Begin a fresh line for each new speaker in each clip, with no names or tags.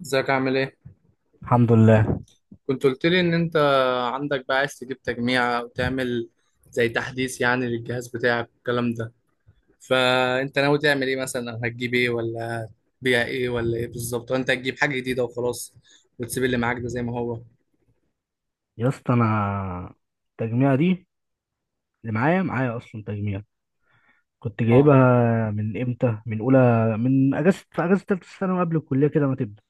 ازيك عامل ايه؟
الحمد لله.
كنت قلت لي ان انت عندك بقى عايز تجيب تجميع او تعمل زي تحديث، يعني للجهاز بتاعك والكلام ده. فانت ناوي تعمل ايه مثلا، أو هتجيب ايه، ولا هتبيع ايه، ولا ايه بالظبط؟ وانت هتجيب حاجة جديدة وخلاص وتسيب اللي معاك ده زي ما هو؟
يا اسطى، انا التجميعه دي اللي معايا اصلا تجميع. كنت
اه.
جايبها من امتى، من اولى، من اجازه، في اجازه ثالثه ثانوي قبل الكليه كده ما تبدا،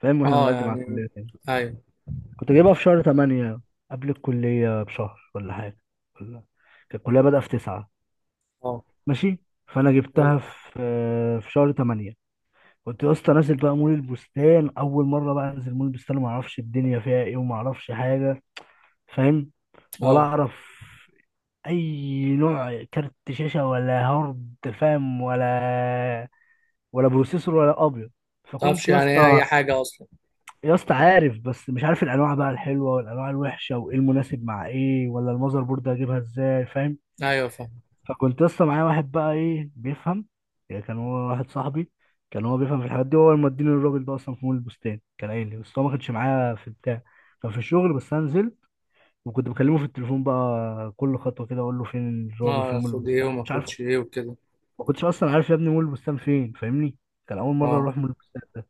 فاهم؟ واحنا
اه
بنقدم على
يعني.
الكليه كده.
ايوه.
كنت جايبها في شهر 8 قبل الكليه بشهر ولا حاجه، ولا كانت الكليه بدأ في 9.
اه.
ماشي. فانا جبتها
ايوه.
في شهر 8. كنت يا اسطى نازل بقى مول البستان اول مره بقى انزل مول البستان، وما اعرفش الدنيا فيها ايه وما اعرفش حاجه. فاهم؟ ولا
اه.
اعرف اي نوع كارت شاشه ولا هارد، فاهم؟ ولا بروسيسور ولا ابيض.
متعرفش
فكنت يا
يعني ايه اي
اسطى
حاجة اصلا؟
يا اسطى عارف، بس مش عارف الانواع بقى الحلوه والانواع الوحشه، وايه المناسب مع ايه، ولا المذر بورد هجيبها ازاي، فاهم؟
ايوه، فاهم.
فكنت يا اسطى معايا واحد بقى ايه بيفهم، يعني كان هو واحد صاحبي، كان هو بيفهم في الحاجات دي. هو اللي مديني الراجل ده اصلا في مول البستان، كان قايل لي. بس هو ما كانش معايا في بتاع، كان في الشغل، بس انا نزلت. وكنت بكلمه في التليفون بقى كل خطوه كده، اقول له فين الراجل،
اه،
فين مول
اخد ايه
البستان، ما
وما
كنتش عارف.
اخدش ايه وكده.
ما كنتش اصلا عارف يا ابني مول البستان فين، فاهمني؟ كان اول مره
اه.
اروح مول البستان ده.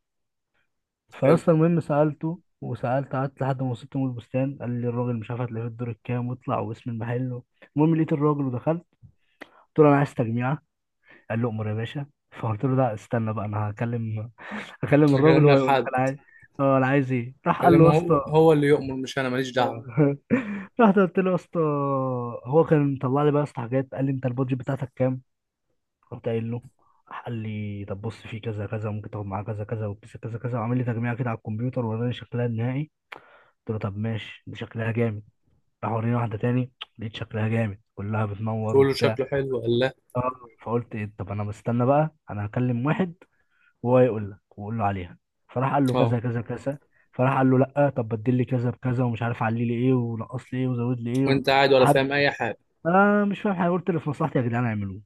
حلو.
فاصلا المهم سالته وسالت، قعدت لحد ما وصلت مول البستان، قال لي الراجل مش عارف هتلاقيه في الدور الكام، واطلع، واسم المحل. المهم لقيت الراجل ودخلت، قلت له انا عايز تجميعه. قال لي امر يا باشا. فقلت له لا استنى بقى، انا هكلم، هكلم الراجل
اكلم
وهو
لك
يقول لك
حد؟
انا عايز. اه انا عايز ايه، راح قال له يا
كلمه، هو
اسطى.
هو اللي يؤمر، مش انا ماليش دعوة.
رحت قلت له يا اسطى، هو كان مطلع لي بقى يا اسطى حاجات، قال لي انت البادجت بتاعتك كام؟ رحت قايل له. قال لي طب بص، في كذا كذا ممكن تاخد معاه كذا كذا، وكذا كذا كذا. وعامل لي تجميع كده على الكمبيوتر، وراني شكلها النهائي. قلت له طب ماشي، دي شكلها جامد. راح وريني واحده تاني، لقيت شكلها جامد، كلها بتنور
تقول له
وبتاع.
شكله حلو ولا؟
اه. فقلت ايه طب، انا مستنى بقى، انا هكلم واحد وهو يقول لك واقول له عليها. فراح قال له
اه.
كذا كذا كذا، فراح قال له لا طب بدل لي كذا بكذا، ومش عارف علي لي ايه، ونقص لي ايه، وزود لي ايه.
وانت قاعد ولا
لحد...
فاهم اي حاجه؟
انا مش فاهم حاجه، قلت اللي في مصلحتي يا جدعان اعملوه،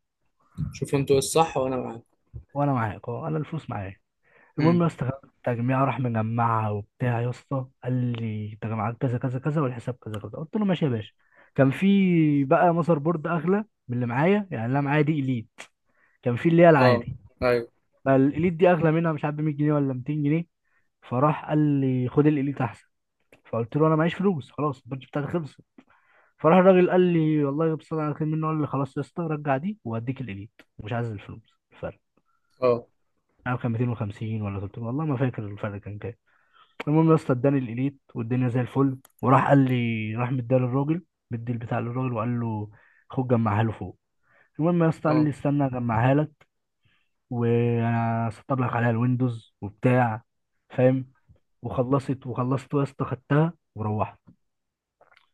شوف انتوا ايه الصح وانا معاك.
وانا معاك. اه انا الفلوس معايا. المهم يا
امم.
اسطى خدت التجميع، راح مجمعها وبتاع. يا اسطى قال لي تجمعات كذا كذا كذا، والحساب كذا كذا. قلت له ماشي يا باشا. كان في بقى ماذر بورد اغلى من اللي معايا، يعني اللي أنا معايا دي اليت، كان في اللي هي
اه.
العادي.
ايوه.
فالاليت دي اغلى منها، مش عارف ب 100 جنيه ولا 200 جنيه. فراح قال لي خد الاليت احسن. فقلت له انا معيش فلوس، خلاص البادج بتاعتي خلصت. فراح الراجل قال لي والله بص، انا كان منه، قال لي خلاص يا اسطى رجع دي واديك الاليت، مش عايز الفلوس الفرق.
اه.
يعني كان 250 ولا 300، والله ما فاكر الفرق كان كام. المهم يا اسطى اداني الاليت والدنيا زي الفل. وراح قال لي، راح مديها للراجل، مدي البتاع للراجل وقال له خد جمعها له فوق. المهم يا اسطى قال
اه.
لي استنى اجمعها لك، وانا سطب لك عليها الويندوز وبتاع، فاهم؟ وخلصت. وخلصت يا اسطى خدتها وروحت.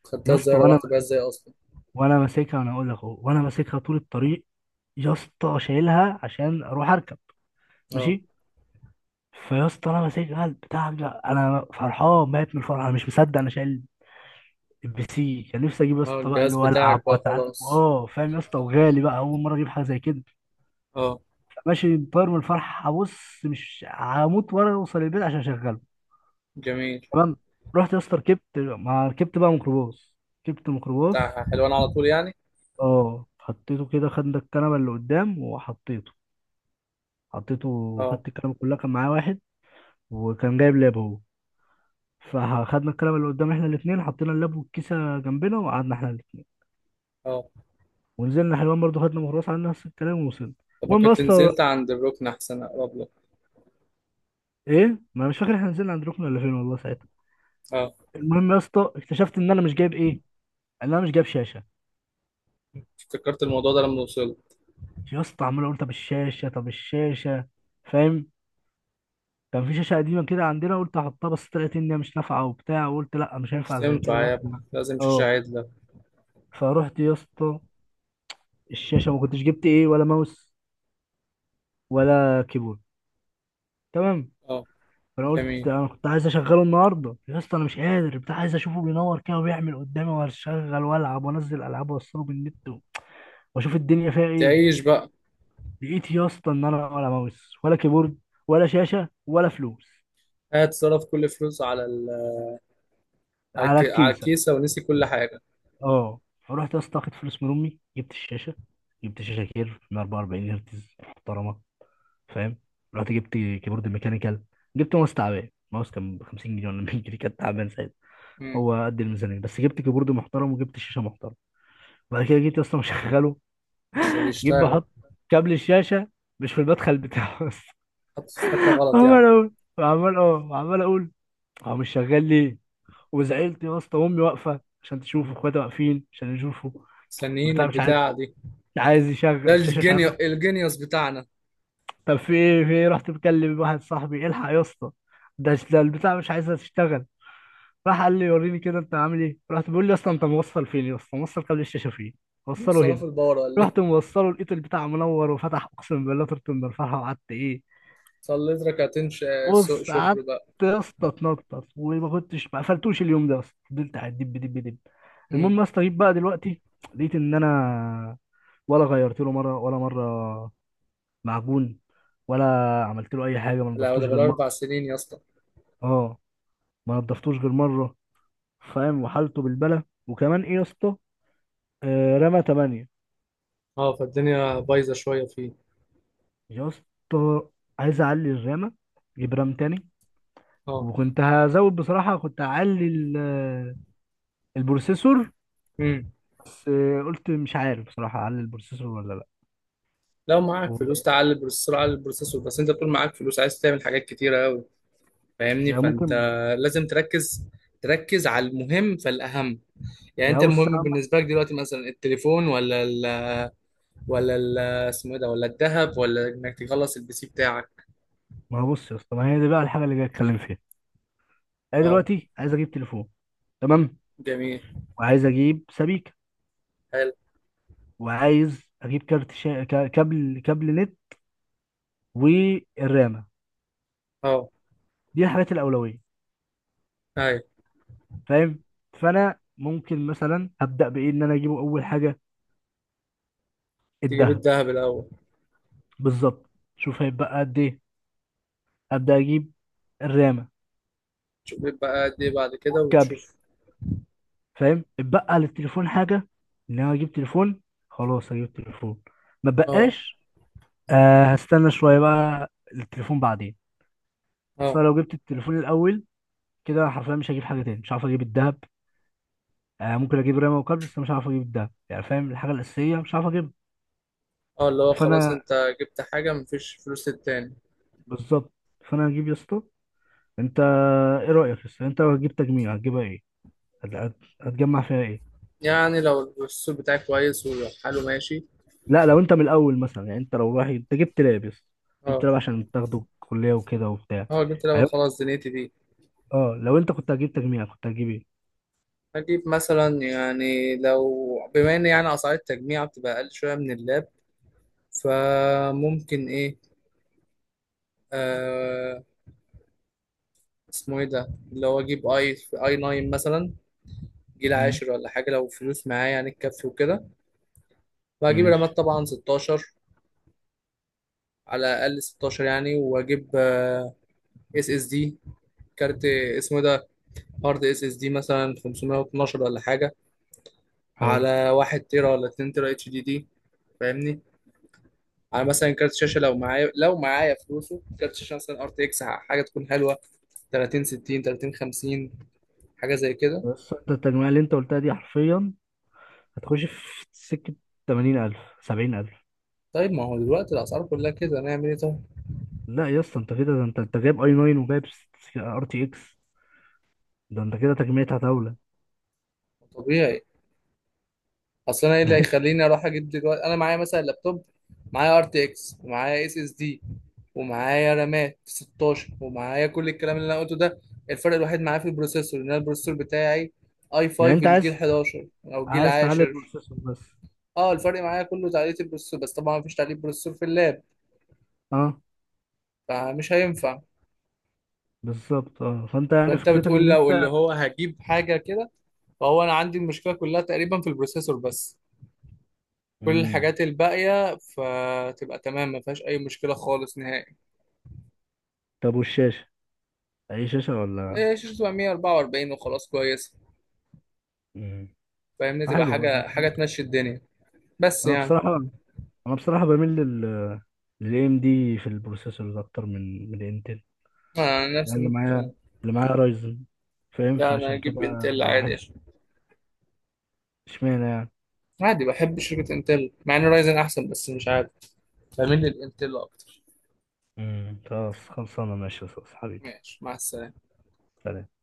خدتها
يا
ازاي؟
اسطى وانا
روحت بيها ازاي اصلا؟
وانا ماسكها، انا اقول لك اهو، وانا ماسكها طول الطريق يا اسطى، شايلها عشان اروح اركب.
اه.
ماشي. فيا اسطى انا ماسكها البتاع ده، انا فرحان ميت من الفرح، انا مش مصدق انا شايل الPC. كان نفسي اجيب يا
اه،
اسطى بقى اللي
الجهاز
هو العب
بتاعك بقى
واتعلم،
خلاص.
اه فاهم يا اسطى؟ وغالي بقى، اول مره اجيب حاجه زي كده.
اه.
ماشي. طاير من الفرح، هبص مش هموت وانا اوصل البيت عشان اشغله.
جميل.
تمام. رحت يا اسطى ركبت، ما ركبت بقى ميكروباص، ركبت ميكروباص.
بتاع حلوان على طول يعني؟
اه، حطيته كده، خدنا الكنبه اللي قدام وحطيته. حطيته...
اه.
خدت الكنبه كلها، كان معايا واحد وكان جايب لاب هو، فخدنا الكنبه اللي قدام احنا الاثنين، حطينا اللاب والكيسه جنبنا، وقعدنا احنا الاثنين.
اه.
ونزلنا حلوان برضو، خدنا ميكروباص على نفس الكلام ووصلنا.
طب ما
المهم يا
كنت
اسطى...
نزلت عند الركن احسن، اقرب لك.
ايه، ما أنا مش فاكر احنا نزلنا عند ركن ولا فين، والله ساعتها.
اه.
المهم يا اسطى اكتشفت ان انا مش جايب ايه، ان انا مش جايب شاشه.
افتكرت الموضوع ده لما وصلت؟
يا اسطى عمال اقول طب الشاشه، طب الشاشه، فاهم؟ كان في شاشه قديمه كده عندنا، قلت احطها، بس طلعت ان هي مش نافعه وبتاع، وقلت لا مش
مش
هينفع زي كده
تنفع يا
واحد.
ابني، لازم شاشة
اه.
عدلة.
فروحت يا اسطى... الشاشه ما كنتش جبت ايه، ولا ماوس ولا كيبورد. تمام.
اه.
فانا قلت
جميل.
انا كنت عايز اشغله النهارده يا اسطى، انا مش قادر بتاع، عايز اشوفه بينور كده وبيعمل قدامي، واشغل والعب وانزل العاب واوصله بالنت، واشوف الدنيا فيها ايه.
تعيش بقى.
لقيت يا اسطى ان انا ولا ماوس ولا كيبورد ولا شاشه ولا فلوس،
قاعد صرف كل فلوسه
على
على
الكيسه.
الكيسة ونسي كل حاجة.
اه. فرحت يا اسطى واخد فلوس من امي، جبت الشاشه. جبت شاشه كير من 44 هرتز محترمه، فاهم؟ رحت جبت كيبورد ميكانيكال. جبت ماوس تعبان، ماوس كان ب 50 جنيه ولا 100 جنيه، كان تعبان ساعتها،
مم.
هو قد الميزانيه. بس جبت كيبورد محترم، وجبت شاشه محترمه. بعد كده جيت يا اسطى مشغله،
مش راضي
جيت
يشتغل؟
بحط كابل الشاشه مش في المدخل بتاعه بس.
حطيت في حته غلط يعني؟
عمال اقول عمال اقول هو مش شغال ليه. وزعلت يا اسطى، وامي واقفه عشان تشوفه، اخواتي واقفين عشان يشوفوا
مستنيين
وبتاع. مش عايز
البتاعه دي.
مش عايز يشغل
ده
الشاشه، مش عايز.
الجينيوس بتاعنا.
طب في ايه، في ايه؟ رحت مكلم واحد صاحبي الحق يا اسطى، ده البتاع مش عايزها تشتغل. راح قال لي وريني كده انت عامل ايه. رحت بيقول لي يا اسطى انت موصل فين، يا اسطى موصل قبل الشاشه فين؟ وصله
صلاف
هنا.
البورة ولا ايه؟
رحت موصله، لقيت البتاع منور وفتح، اقسم بالله طرت من الفرحه. وقعدت ايه،
صليت ركعتين سوق
بص
شكر
قعدت
بقى.
يا اسطى اتنطط، وما كنتش ما قفلتوش اليوم ده يا اسطى، فضلت قاعد دب دب دب.
امم.
المهم يا اسطى جيت بقى دلوقتي، لقيت ان انا ولا غيرت له مره ولا مره معجون، ولا عملت له اي حاجه، ما
لا ده
نضفتوش غير
بالاربع
مره.
سنين يا اسطى.
اه، ما نضفتوش غير مره. فاهم؟ وحالته بالبلة. وكمان ايه يا اسطى، رمى 8.
اه، فالدنيا بايظه شويه فيه.
يا اسطى عايز اعلي الرامه، اجيب رام تاني.
اه.
وكنت هزود بصراحه، كنت هعلي البروسيسور
امم.
بس. قلت مش عارف بصراحة أعلي البروسيسور ولا لأ.
لو معاك فلوس
و-
تعلي البروسيسور على البروسيسور بس. انت طول معاك فلوس عايز تعمل حاجات كتيره قوي، فاهمني؟
يا
فانت
ممكن...
لازم تركز. تركز على المهم فالاهم. يعني انت
بص يا
المهم
عم،
بالنسبه لك دلوقتي مثلا التليفون، ولا اسمه ايه ده، ولا الذهب، ولا انك تخلص البي سي بتاعك؟
ما هو بص يا اسطى، ما هي دي بقى الحاجة اللي جاي أتكلم فيها. أنا
اه.
دلوقتي عايز أجيب تليفون. تمام.
جميل.
وعايز أجيب سبيكة.
حلو.
وعايز أجيب كابل نت، والرامة.
اه.
دي الحاجات الأولوية،
ايوه.
فاهم؟ فأنا ممكن مثلا أبدأ بإيه، إن أنا أجيبه أول حاجة
تجيب
الذهب.
الذهب الاول.
بالظبط. شوف هيبقى قد إيه. أبدأ أجيب الرامة
تشوف بيبقى قد ايه بعد كده،
والكابل،
وتشوف.
فاهم؟ اتبقى للتليفون حاجه، ان انا اجيب تليفون. خلاص هجيب تليفون، ما
اه.
بقاش. آه هستنى شويه بقى للتليفون بعدين. اصل
اه.
أنا لو جبت التليفون الاول، كده حرفيا مش هجيب حاجه تاني، مش هعرف اجيب الذهب. آه ممكن اجيب رامه وكابل، بس مش هعرف اجيب الذهب يعني، فاهم؟ الحاجه الاساسيه مش هعرف اجيبها.
اه، اللي هو خلاص
فانا...
انت جبت حاجة مفيش فلوس للتاني.
بالظبط. فانا هجيب يا اسطى... انت ايه رايك يا اسطى، انت لو هتجيب تجميع هتجيبها ايه؟ هتجمع فيها ايه؟
يعني لو السوق بتاعك كويس وحاله ماشي.
لا لو انت من الاول مثلا يعني، انت لو رايح، انت جبت لاب يا اسطى، جبت
اه.
لاب عشان تاخده الكليه وكده وبتاع
اه، جبت لعبة
يعني.
خلاص دنيتي دي.
اه لو انت كنت هتجيب تجميع، كنت هتجيب ايه؟
هجيب مثلا، يعني لو بما ان يعني اسعار التجميع بتبقى اقل شوية من اللاب، فممكن ايه. آه، اسمه ايه ده، اللي هو اجيب اي 9 مثلا، جيل
مم.
عاشر ولا حاجه لو فلوس معايا يعني تكفي وكده. وهجيب رامات
ماشي.
طبعا 16، على الاقل 16 يعني. واجيب اس اس دي. كارت اسمه إيه ده، هارد اس اس دي مثلا 512 ولا حاجه،
حلو.
على 1 تيرا ولا 2 تيرا اتش دي دي، فاهمني؟ على مثلا كارت شاشه لو معايا، لو معايا فلوسه، كارت شاشه مثلا ار تي اكس حاجه تكون حلوه، 30 60، 30 50، حاجه زي كده.
بس انت التجميع اللي انت قلتها دي حرفيا هتخش في سكة 80,000 70,000.
طيب ما هو دلوقتي الاسعار كلها كده، نعمل ايه طيب؟
لا يا اسطى انت كده، ده انت جايب اي 9 وجايب RTX، ده انت كده تجميعتها هتولى.
طبيعي. اصل انا ايه اللي
ماشي.
هيخليني اروح اجيب دلوقتي؟ انا معايا مثلا لابتوب، معايا ار تي اكس، ومعايا اس اس دي، ومعايا رامات 16، ومعايا كل الكلام اللي انا قلته ده. الفرق الوحيد معايا في البروسيسور، ان انا البروسيسور بتاعي اي 5
يعني انت
الجيل
عايز
11 او جيل
تعلي
10.
البروسيسور بس.
اه، الفرق معايا كله تعديل البروسيسور بس، طبعا مفيش تعديل بروسيسور في اللاب،
اه
فمش هينفع.
بالظبط. اه فانت يعني
فانت
فكرتك
بتقول
ان
لو اللي
انت...
هو هجيب حاجه كده، فهو انا عندي المشكله كلها تقريبا في البروسيسور بس. كل
مم.
الحاجات الباقيه فتبقى تمام، ما فيهاش اي مشكله خالص نهائي.
طب والشاشة، اي شاشة ولا...
إيه، شاشته تبقى 144 وخلاص كويس.
مم.
فاهمني، تبقى
حلو برضه.
حاجة تمشي الدنيا. بس
انا
يعني،
بصراحة... انا بصراحه بميل لل... للAMD في البروسيسورز اكتر من الانتل.
أنا عن
يعني
نفسي ممكن.
اللي معايا رايزن، فاهم؟
لا، أنا
فعشان كده
أجيب إنتل عادي،
بحب.
عشان
اشمعنى يعني؟
عادي بحب شركة إنتل مع إن رايزن أحسن، بس مش عارف، بميل للإنتل أكتر.
امم، خلاص، خلصانه. ماشي يا أستاذ حبيبي.
ماشي، مع السلامة.
سلام.